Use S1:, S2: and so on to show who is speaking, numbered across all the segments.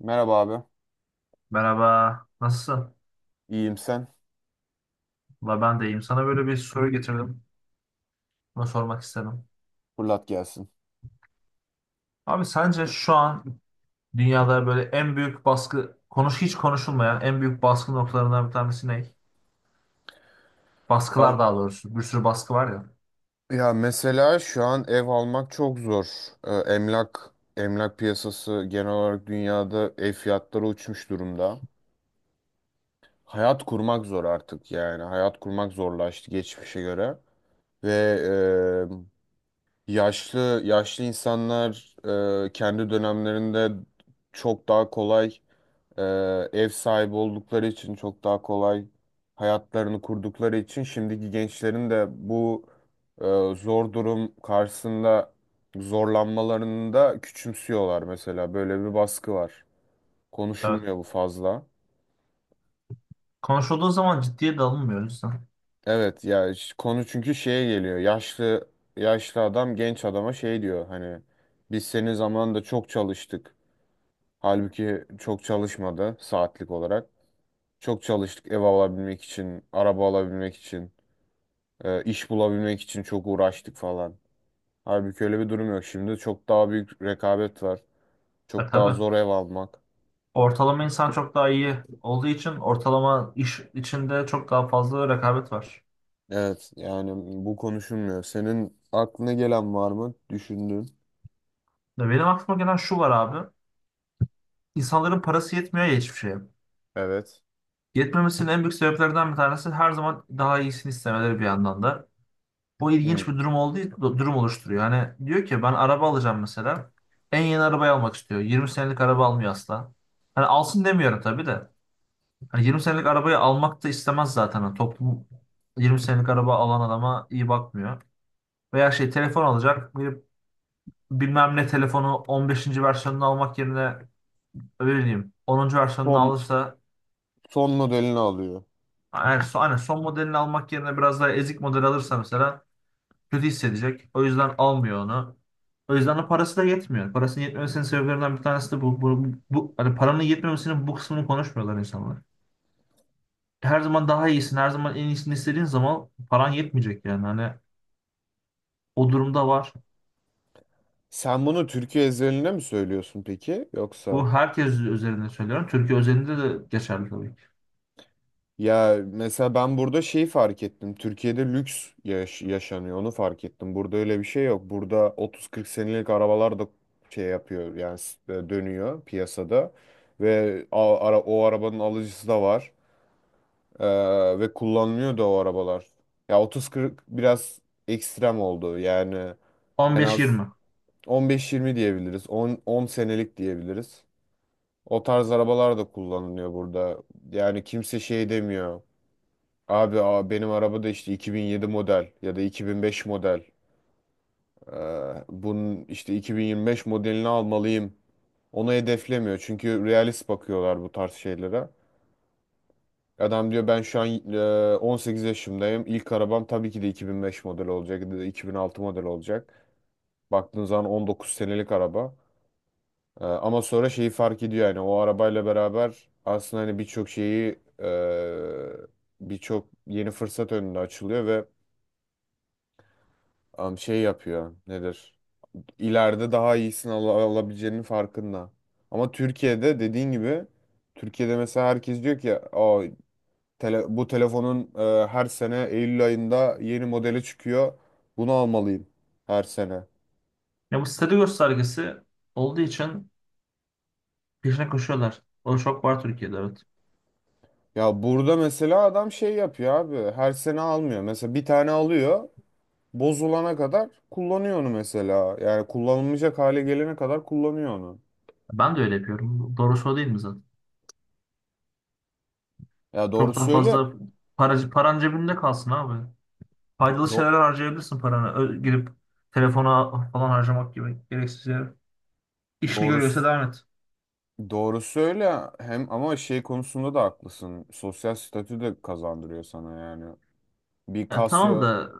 S1: Merhaba abi.
S2: Merhaba, nasılsın?
S1: İyiyim sen.
S2: Valla ben de iyiyim. Sana böyle bir soru getirdim. Bunu sormak istedim.
S1: Fırlat gelsin.
S2: Abi sence şu an dünyada böyle en büyük baskı, hiç konuşulmayan en büyük baskı noktalarından bir tanesi ne?
S1: A-
S2: Baskılar daha doğrusu. Bir sürü baskı var ya.
S1: Ya mesela şu an ev almak çok zor. Emlak piyasası genel olarak dünyada ev fiyatları uçmuş durumda. Hayat kurmak zor artık yani. Hayat kurmak zorlaştı geçmişe göre. Ve yaşlı yaşlı insanlar kendi dönemlerinde çok daha kolay, Ee, ev sahibi oldukları için çok daha kolay hayatlarını kurdukları için şimdiki gençlerin de bu e, zor durum karşısında zorlanmalarını da küçümsüyorlar mesela. Böyle bir baskı var.
S2: Evet.
S1: Konuşulmuyor bu fazla.
S2: Konuşulduğu zaman ciddiye de alınmıyor insan.
S1: Evet ya, konu çünkü şeye geliyor. Yaşlı yaşlı adam genç adama şey diyor, hani biz senin zamanında çok çalıştık. Halbuki çok çalışmadı saatlik olarak. Çok çalıştık ev alabilmek için, araba alabilmek için. İş bulabilmek için çok uğraştık falan. Halbuki öyle bir durum yok. Şimdi çok daha büyük rekabet var.
S2: E
S1: Çok daha
S2: tabii.
S1: zor ev almak.
S2: Ortalama insan çok daha iyi olduğu için ortalama iş içinde çok daha fazla rekabet var.
S1: Evet, yani bu konuşulmuyor. Senin aklına gelen var mı? Düşündüğün.
S2: Ya benim aklıma gelen şu var abi. İnsanların parası yetmiyor ya hiçbir şeye.
S1: Evet.
S2: Yetmemesinin en büyük sebeplerden bir tanesi her zaman daha iyisini istemeleri bir yandan da. Bu ilginç
S1: Hmm.
S2: bir durum olduğu durum oluşturuyor. Hani diyor ki ben araba alacağım mesela. En yeni arabayı almak istiyor. 20 senelik araba almıyor asla. Hani alsın demiyorum tabii de. Hani 20 senelik arabayı almak da istemez zaten. Hani toplum 20 senelik araba alan adama iyi bakmıyor. Veya şey telefon alacak. Bilmem ne telefonu 15. versiyonunu almak yerine öyle diyeyim 10. versiyonunu
S1: Son
S2: alırsa,
S1: son modelini alıyor.
S2: yani son, hani son modelini almak yerine biraz daha ezik model alırsa mesela kötü hissedecek. O yüzden almıyor onu. O yüzden de parası da yetmiyor. Parasının yetmemesinin sebeplerinden bir tanesi de bu. Hani paranın yetmemesinin bu kısmını konuşmuyorlar insanlar. Her zaman daha iyisin, her zaman en iyisini istediğin zaman paran yetmeyecek yani. Hani o durumda var.
S1: Sen bunu Türkiye özeline mi söylüyorsun peki? Yoksa?
S2: Bu herkes üzerinde söylüyorum. Türkiye özelinde de geçerli tabii ki.
S1: Ya mesela ben burada şeyi fark ettim. Türkiye'de lüks yaşanıyor. Onu fark ettim. Burada öyle bir şey yok. Burada 30-40 senelik arabalar da şey yapıyor. Yani dönüyor piyasada. Ve o arabanın alıcısı da var. Ve kullanılıyor da o arabalar. Ya 30-40 biraz ekstrem oldu. Yani
S2: on
S1: en
S2: beş
S1: az
S2: yirmi.
S1: 15-20 diyebiliriz. 10 senelik diyebiliriz. O tarz arabalar da kullanılıyor burada. Yani kimse şey demiyor. Abi benim arabada işte 2007 model ya da 2005 model. Bunun işte 2025 modelini almalıyım. Onu hedeflemiyor çünkü realist bakıyorlar bu tarz şeylere. Adam diyor ben şu an 18 yaşındayım. İlk arabam tabii ki de 2005 model olacak ya da 2006 model olacak. Baktığın zaman 19 senelik araba. Ama sonra şeyi fark ediyor, yani o arabayla beraber aslında hani birçok şeyi, birçok yeni fırsat önüne açılıyor ve şey yapıyor. Nedir? İleride daha iyisini alabileceğinin farkında. Ama Türkiye'de dediğin gibi, Türkiye'de mesela herkes diyor ki bu telefonun her sene Eylül ayında yeni modeli çıkıyor. Bunu almalıyım her sene.
S2: Ya bu statü göstergesi olduğu için peşine koşuyorlar. O çok var Türkiye'de, evet.
S1: Ya burada mesela adam şey yapıyor abi. Her sene almıyor. Mesela bir tane alıyor. Bozulana kadar kullanıyor onu mesela. Yani kullanılmayacak hale gelene kadar kullanıyor onu.
S2: Ben de öyle yapıyorum. Doğrusu o değil mi zaten?
S1: Ya doğru
S2: Çok daha
S1: söyle.
S2: fazla paran cebinde kalsın abi. Faydalı
S1: Do
S2: şeyler harcayabilirsin paranı. Girip telefona falan harcamak gibi gereksiz yere. İşini görüyorsa
S1: doğrusu
S2: devam et.
S1: Doğrusu öyle, hem ama şey konusunda da haklısın. Sosyal statü de kazandırıyor sana yani. Bir
S2: Ya tamam
S1: Casio
S2: da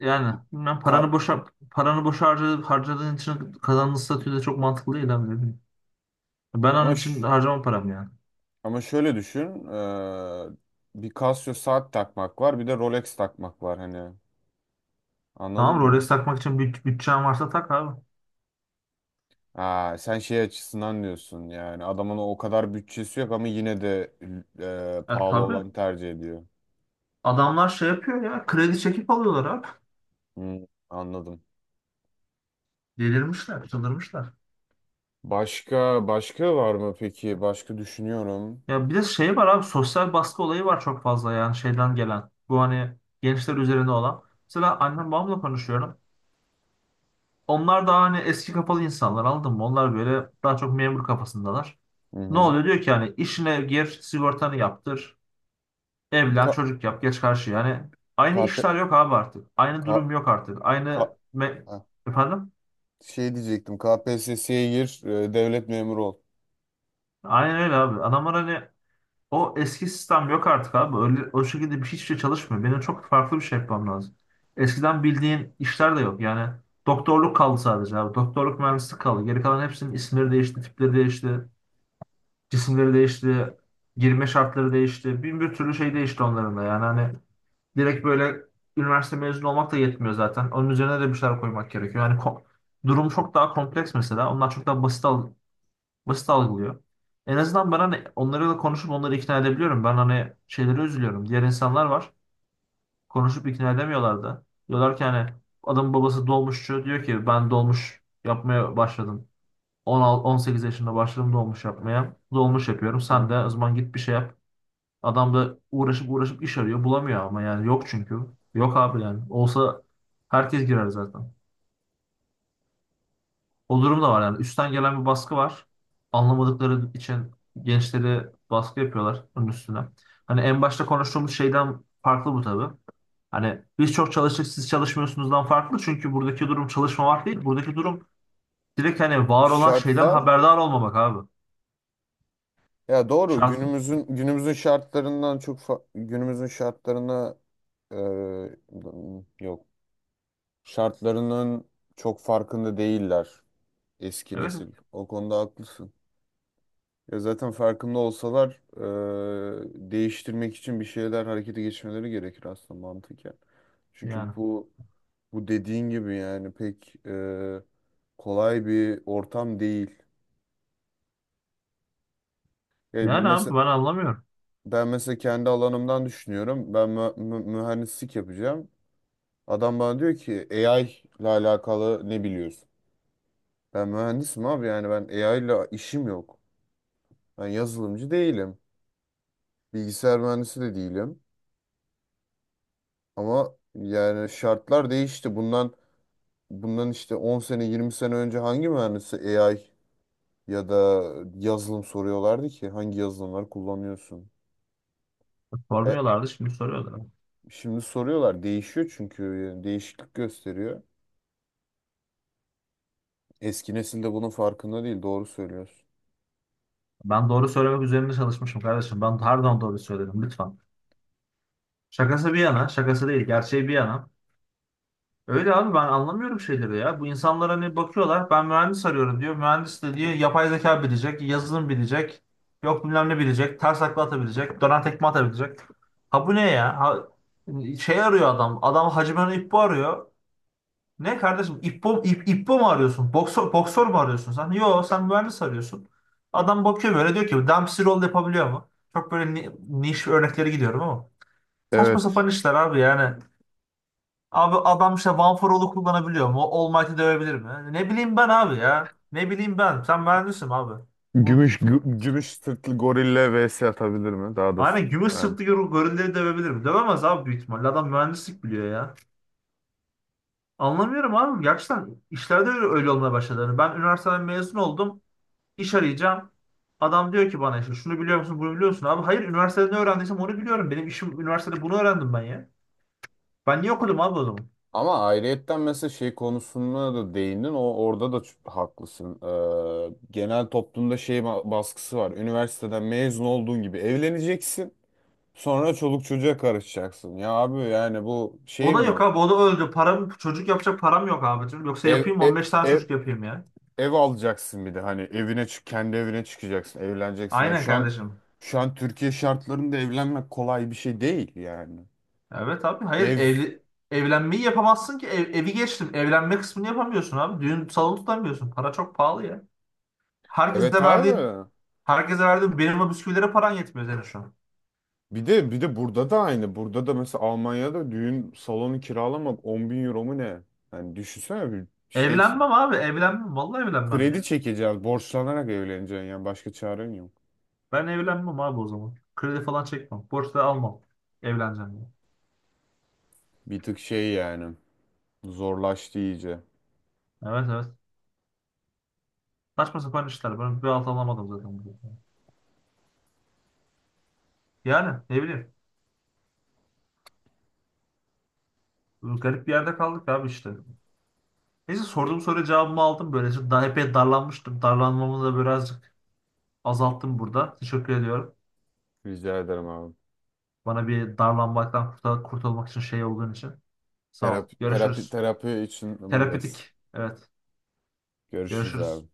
S2: yani
S1: bir
S2: bilmem
S1: ka-
S2: paranı boşa harcadı, harcadığın için kazandığın statü de çok mantıklı değil abi, ne bileyim. Ben onun
S1: ama
S2: için
S1: ş-
S2: harcamam paramı yani.
S1: ama şöyle düşün. Bir Casio saat takmak var, bir de Rolex takmak var hani.
S2: Tamam,
S1: Anladın mı?
S2: Rolex takmak için bütçen varsa tak abi.
S1: Ha, sen şey açısından diyorsun, yani adamın o kadar bütçesi yok ama yine de
S2: E
S1: pahalı
S2: tabii.
S1: olan tercih ediyor.
S2: Adamlar şey yapıyor ya, kredi çekip alıyorlar abi.
S1: Hmm, anladım.
S2: Delirmişler, çıldırmışlar.
S1: Başka başka var mı peki? Başka düşünüyorum.
S2: Ya bir de şey var abi, sosyal baskı olayı var çok fazla yani şeyden gelen. Bu hani gençler üzerine olan. Mesela annem babamla konuşuyorum. Onlar daha hani eski kafalı insanlar, anladın mı? Onlar böyle daha çok memur kafasındalar.
S1: Hı
S2: Ne
S1: hı.
S2: oluyor, diyor ki hani işine gir, sigortanı yaptır, evlen,
S1: Ka-
S2: çocuk yap, geç karşı yani.
S1: KP
S2: Aynı işler yok abi artık. Aynı
S1: Ka
S2: durum yok artık.
S1: ka ha,
S2: Efendim?
S1: Şey diyecektim. KPSS'ye gir, devlet memuru ol.
S2: Aynen öyle abi. Adamlar hani o eski sistem yok artık abi. Öyle, o şekilde bir hiçbir şey çalışmıyor. Benim çok farklı bir şey yapmam lazım. Eskiden bildiğin işler de yok. Yani doktorluk kaldı sadece abi. Doktorluk, mühendislik kaldı. Geri kalan hepsinin isimleri değişti, tipleri değişti, cisimleri değişti, girme şartları değişti. Bin bir türlü şey değişti onların da. Yani hani direkt böyle üniversite mezunu olmak da yetmiyor zaten. Onun üzerine de bir şeyler koymak gerekiyor. Durum çok daha kompleks mesela. Onlar çok daha basit algılıyor. En azından ben hani onlarla konuşup onları ikna edebiliyorum. Ben hani şeylere üzülüyorum. Diğer insanlar var. Konuşup ikna edemiyorlar da. Diyorlar ki hani adamın babası dolmuşçu. Diyor ki ben dolmuş yapmaya başladım. 16-18 yaşında başladım dolmuş yapmaya. Dolmuş yapıyorum. Sen de o
S1: Hı.
S2: zaman git bir şey yap. Adam da uğraşıp uğraşıp iş arıyor. Bulamıyor ama yani yok çünkü. Yok abi yani. Olsa herkes girer zaten. O durum da var yani. Üstten gelen bir baskı var. Anlamadıkları için gençleri baskı yapıyorlar onun üstüne. Hani en başta konuştuğumuz şeyden farklı bu tabii. Hani biz çok çalıştık siz çalışmıyorsunuzdan farklı. Çünkü buradaki durum çalışmamak değil. Buradaki durum direkt hani var olan şeyden
S1: Şartlar,
S2: haberdar olmamak abi.
S1: ya doğru,
S2: Şans.
S1: günümüzün şartlarından günümüzün şartlarına e, yok. Şartlarının çok farkında değiller eski
S2: Evet
S1: nesil. O konuda haklısın. Ya zaten farkında olsalar değiştirmek için bir şeyler harekete geçmeleri gerekir aslında mantıken. Çünkü
S2: yani.
S1: bu dediğin gibi yani pek kolay bir ortam değil.
S2: Yani abi
S1: Mesela
S2: ben anlamıyorum.
S1: ben mesela kendi alanımdan düşünüyorum. Ben mühendislik yapacağım. Adam bana diyor ki AI ile alakalı ne biliyorsun? Ben mühendisim abi, yani ben AI ile işim yok. Ben yazılımcı değilim. Bilgisayar mühendisi de değilim. Ama yani şartlar değişti. Bundan işte 10 sene 20 sene önce hangi mühendisi AI ya da yazılım soruyorlardı ki, hangi yazılımları kullanıyorsun? E,
S2: Sormuyorlardı, şimdi soruyorlar.
S1: Şimdi soruyorlar, değişiyor çünkü, yani değişiklik gösteriyor. Eski nesil de bunun farkında değil, doğru söylüyorsun.
S2: Ben doğru söylemek üzerine çalışmışım kardeşim. Ben her zaman doğru söyledim lütfen. Şakası bir yana, şakası değil, gerçeği bir yana. Öyle abi, ben anlamıyorum şeyleri ya. Bu insanlar hani bakıyorlar, ben mühendis arıyorum diyor. Mühendis de diyor yapay zeka bilecek, yazılım bilecek, yok bilmem ne bilecek, ters takla atabilecek, dönen tekme atabilecek. Ha bu ne ya? Ha, şey arıyor adam. Adam Hacı Bana İppo arıyor. Ne kardeşim İppo, İppo mu arıyorsun? Boksör, boksör mü arıyorsun sen? Yo, sen mühendis arıyorsun. Adam bakıyor böyle diyor ki Dempsey roll yapabiliyor mu? Çok böyle niş örnekleri gidiyorum ama. Saçma
S1: Evet.
S2: sapan işler abi yani. Abi adam işte One for All'u kullanabiliyor mu? All Might'i dövebilir mi? Ne bileyim ben abi ya. Ne bileyim ben. Sen mühendisin abi. Bu...
S1: Gümüş sırtlı gorille vs atabilir mi? Daha da
S2: Aynen gümüş
S1: yani.
S2: sırtlı gorilleri dövebilir mi? Dövemez abi büyük ihtimalle. Adam mühendislik biliyor ya. Anlamıyorum abi. Gerçekten işlerde öyle, öyle olmaya başladı. Yani ben üniversiteden mezun oldum. İş arayacağım. Adam diyor ki bana işte şunu biliyor musun, bunu biliyor musun? Abi hayır, üniversitede ne öğrendiysem onu biliyorum. Benim işim, üniversitede bunu öğrendim ben ya. Ben niye okudum abi o zaman?
S1: Ama ayrıyetten mesela şey konusuna da değindin. O orada da haklısın. Genel toplumda şey baskısı var. Üniversiteden mezun olduğun gibi evleneceksin. Sonra çoluk çocuğa karışacaksın. Ya abi yani bu şey
S2: O da yok
S1: mi?
S2: abi, o da öldü. Çocuk yapacak param yok abi. Yoksa
S1: Ev
S2: yapayım,
S1: ev
S2: 15 tane
S1: ev,
S2: çocuk yapayım ya.
S1: ev alacaksın bir de hani, evine çık kendi evine çıkacaksın, evleneceksin. Ya
S2: Aynen
S1: şu an
S2: kardeşim.
S1: şu an Türkiye şartlarında evlenmek kolay bir şey değil yani.
S2: Evet abi hayır,
S1: Ev
S2: evlenmeyi yapamazsın ki. Evi geçtim. Evlenme kısmını yapamıyorsun abi. Düğün salonu tutamıyorsun. Para çok pahalı ya.
S1: evet
S2: Herkese verdiğin
S1: abi.
S2: herkese verdiğin benim o bisküvilere paran yetmiyor senin şu an.
S1: Bir de burada da aynı. Burada da mesela Almanya'da düğün salonu kiralamak 10.000 euro mu ne? Hani düşünsene bir
S2: Evlenmem
S1: şeysin.
S2: abi, evlenmem. Vallahi evlenmem
S1: Kredi
S2: ya.
S1: çekeceğiz, borçlanarak evleneceksin yani başka çaren yok.
S2: Ben evlenmem abi o zaman. Kredi falan çekmem. Borç da almam. Evleneceğim ya.
S1: Bir tık şey yani zorlaştı iyice.
S2: Evet, evet. Saçma sapan işler. Ben bir alt alamadım zaten. Yani ne bileyim. Garip bir yerde kaldık abi işte. Neyse, sorduğum soruya cevabımı aldım. Böylece daha epey darlanmıştım. Darlanmamı da birazcık azalttım burada. Teşekkür ediyorum.
S1: Rica ederim abi.
S2: Bana bir darlanmaktan kurtulmak için şey olduğun için. Sağ ol.
S1: Terapi, terapi,
S2: Görüşürüz.
S1: terapi için buradayız.
S2: Terapetik. Evet.
S1: Görüşürüz
S2: Görüşürüz.
S1: abi.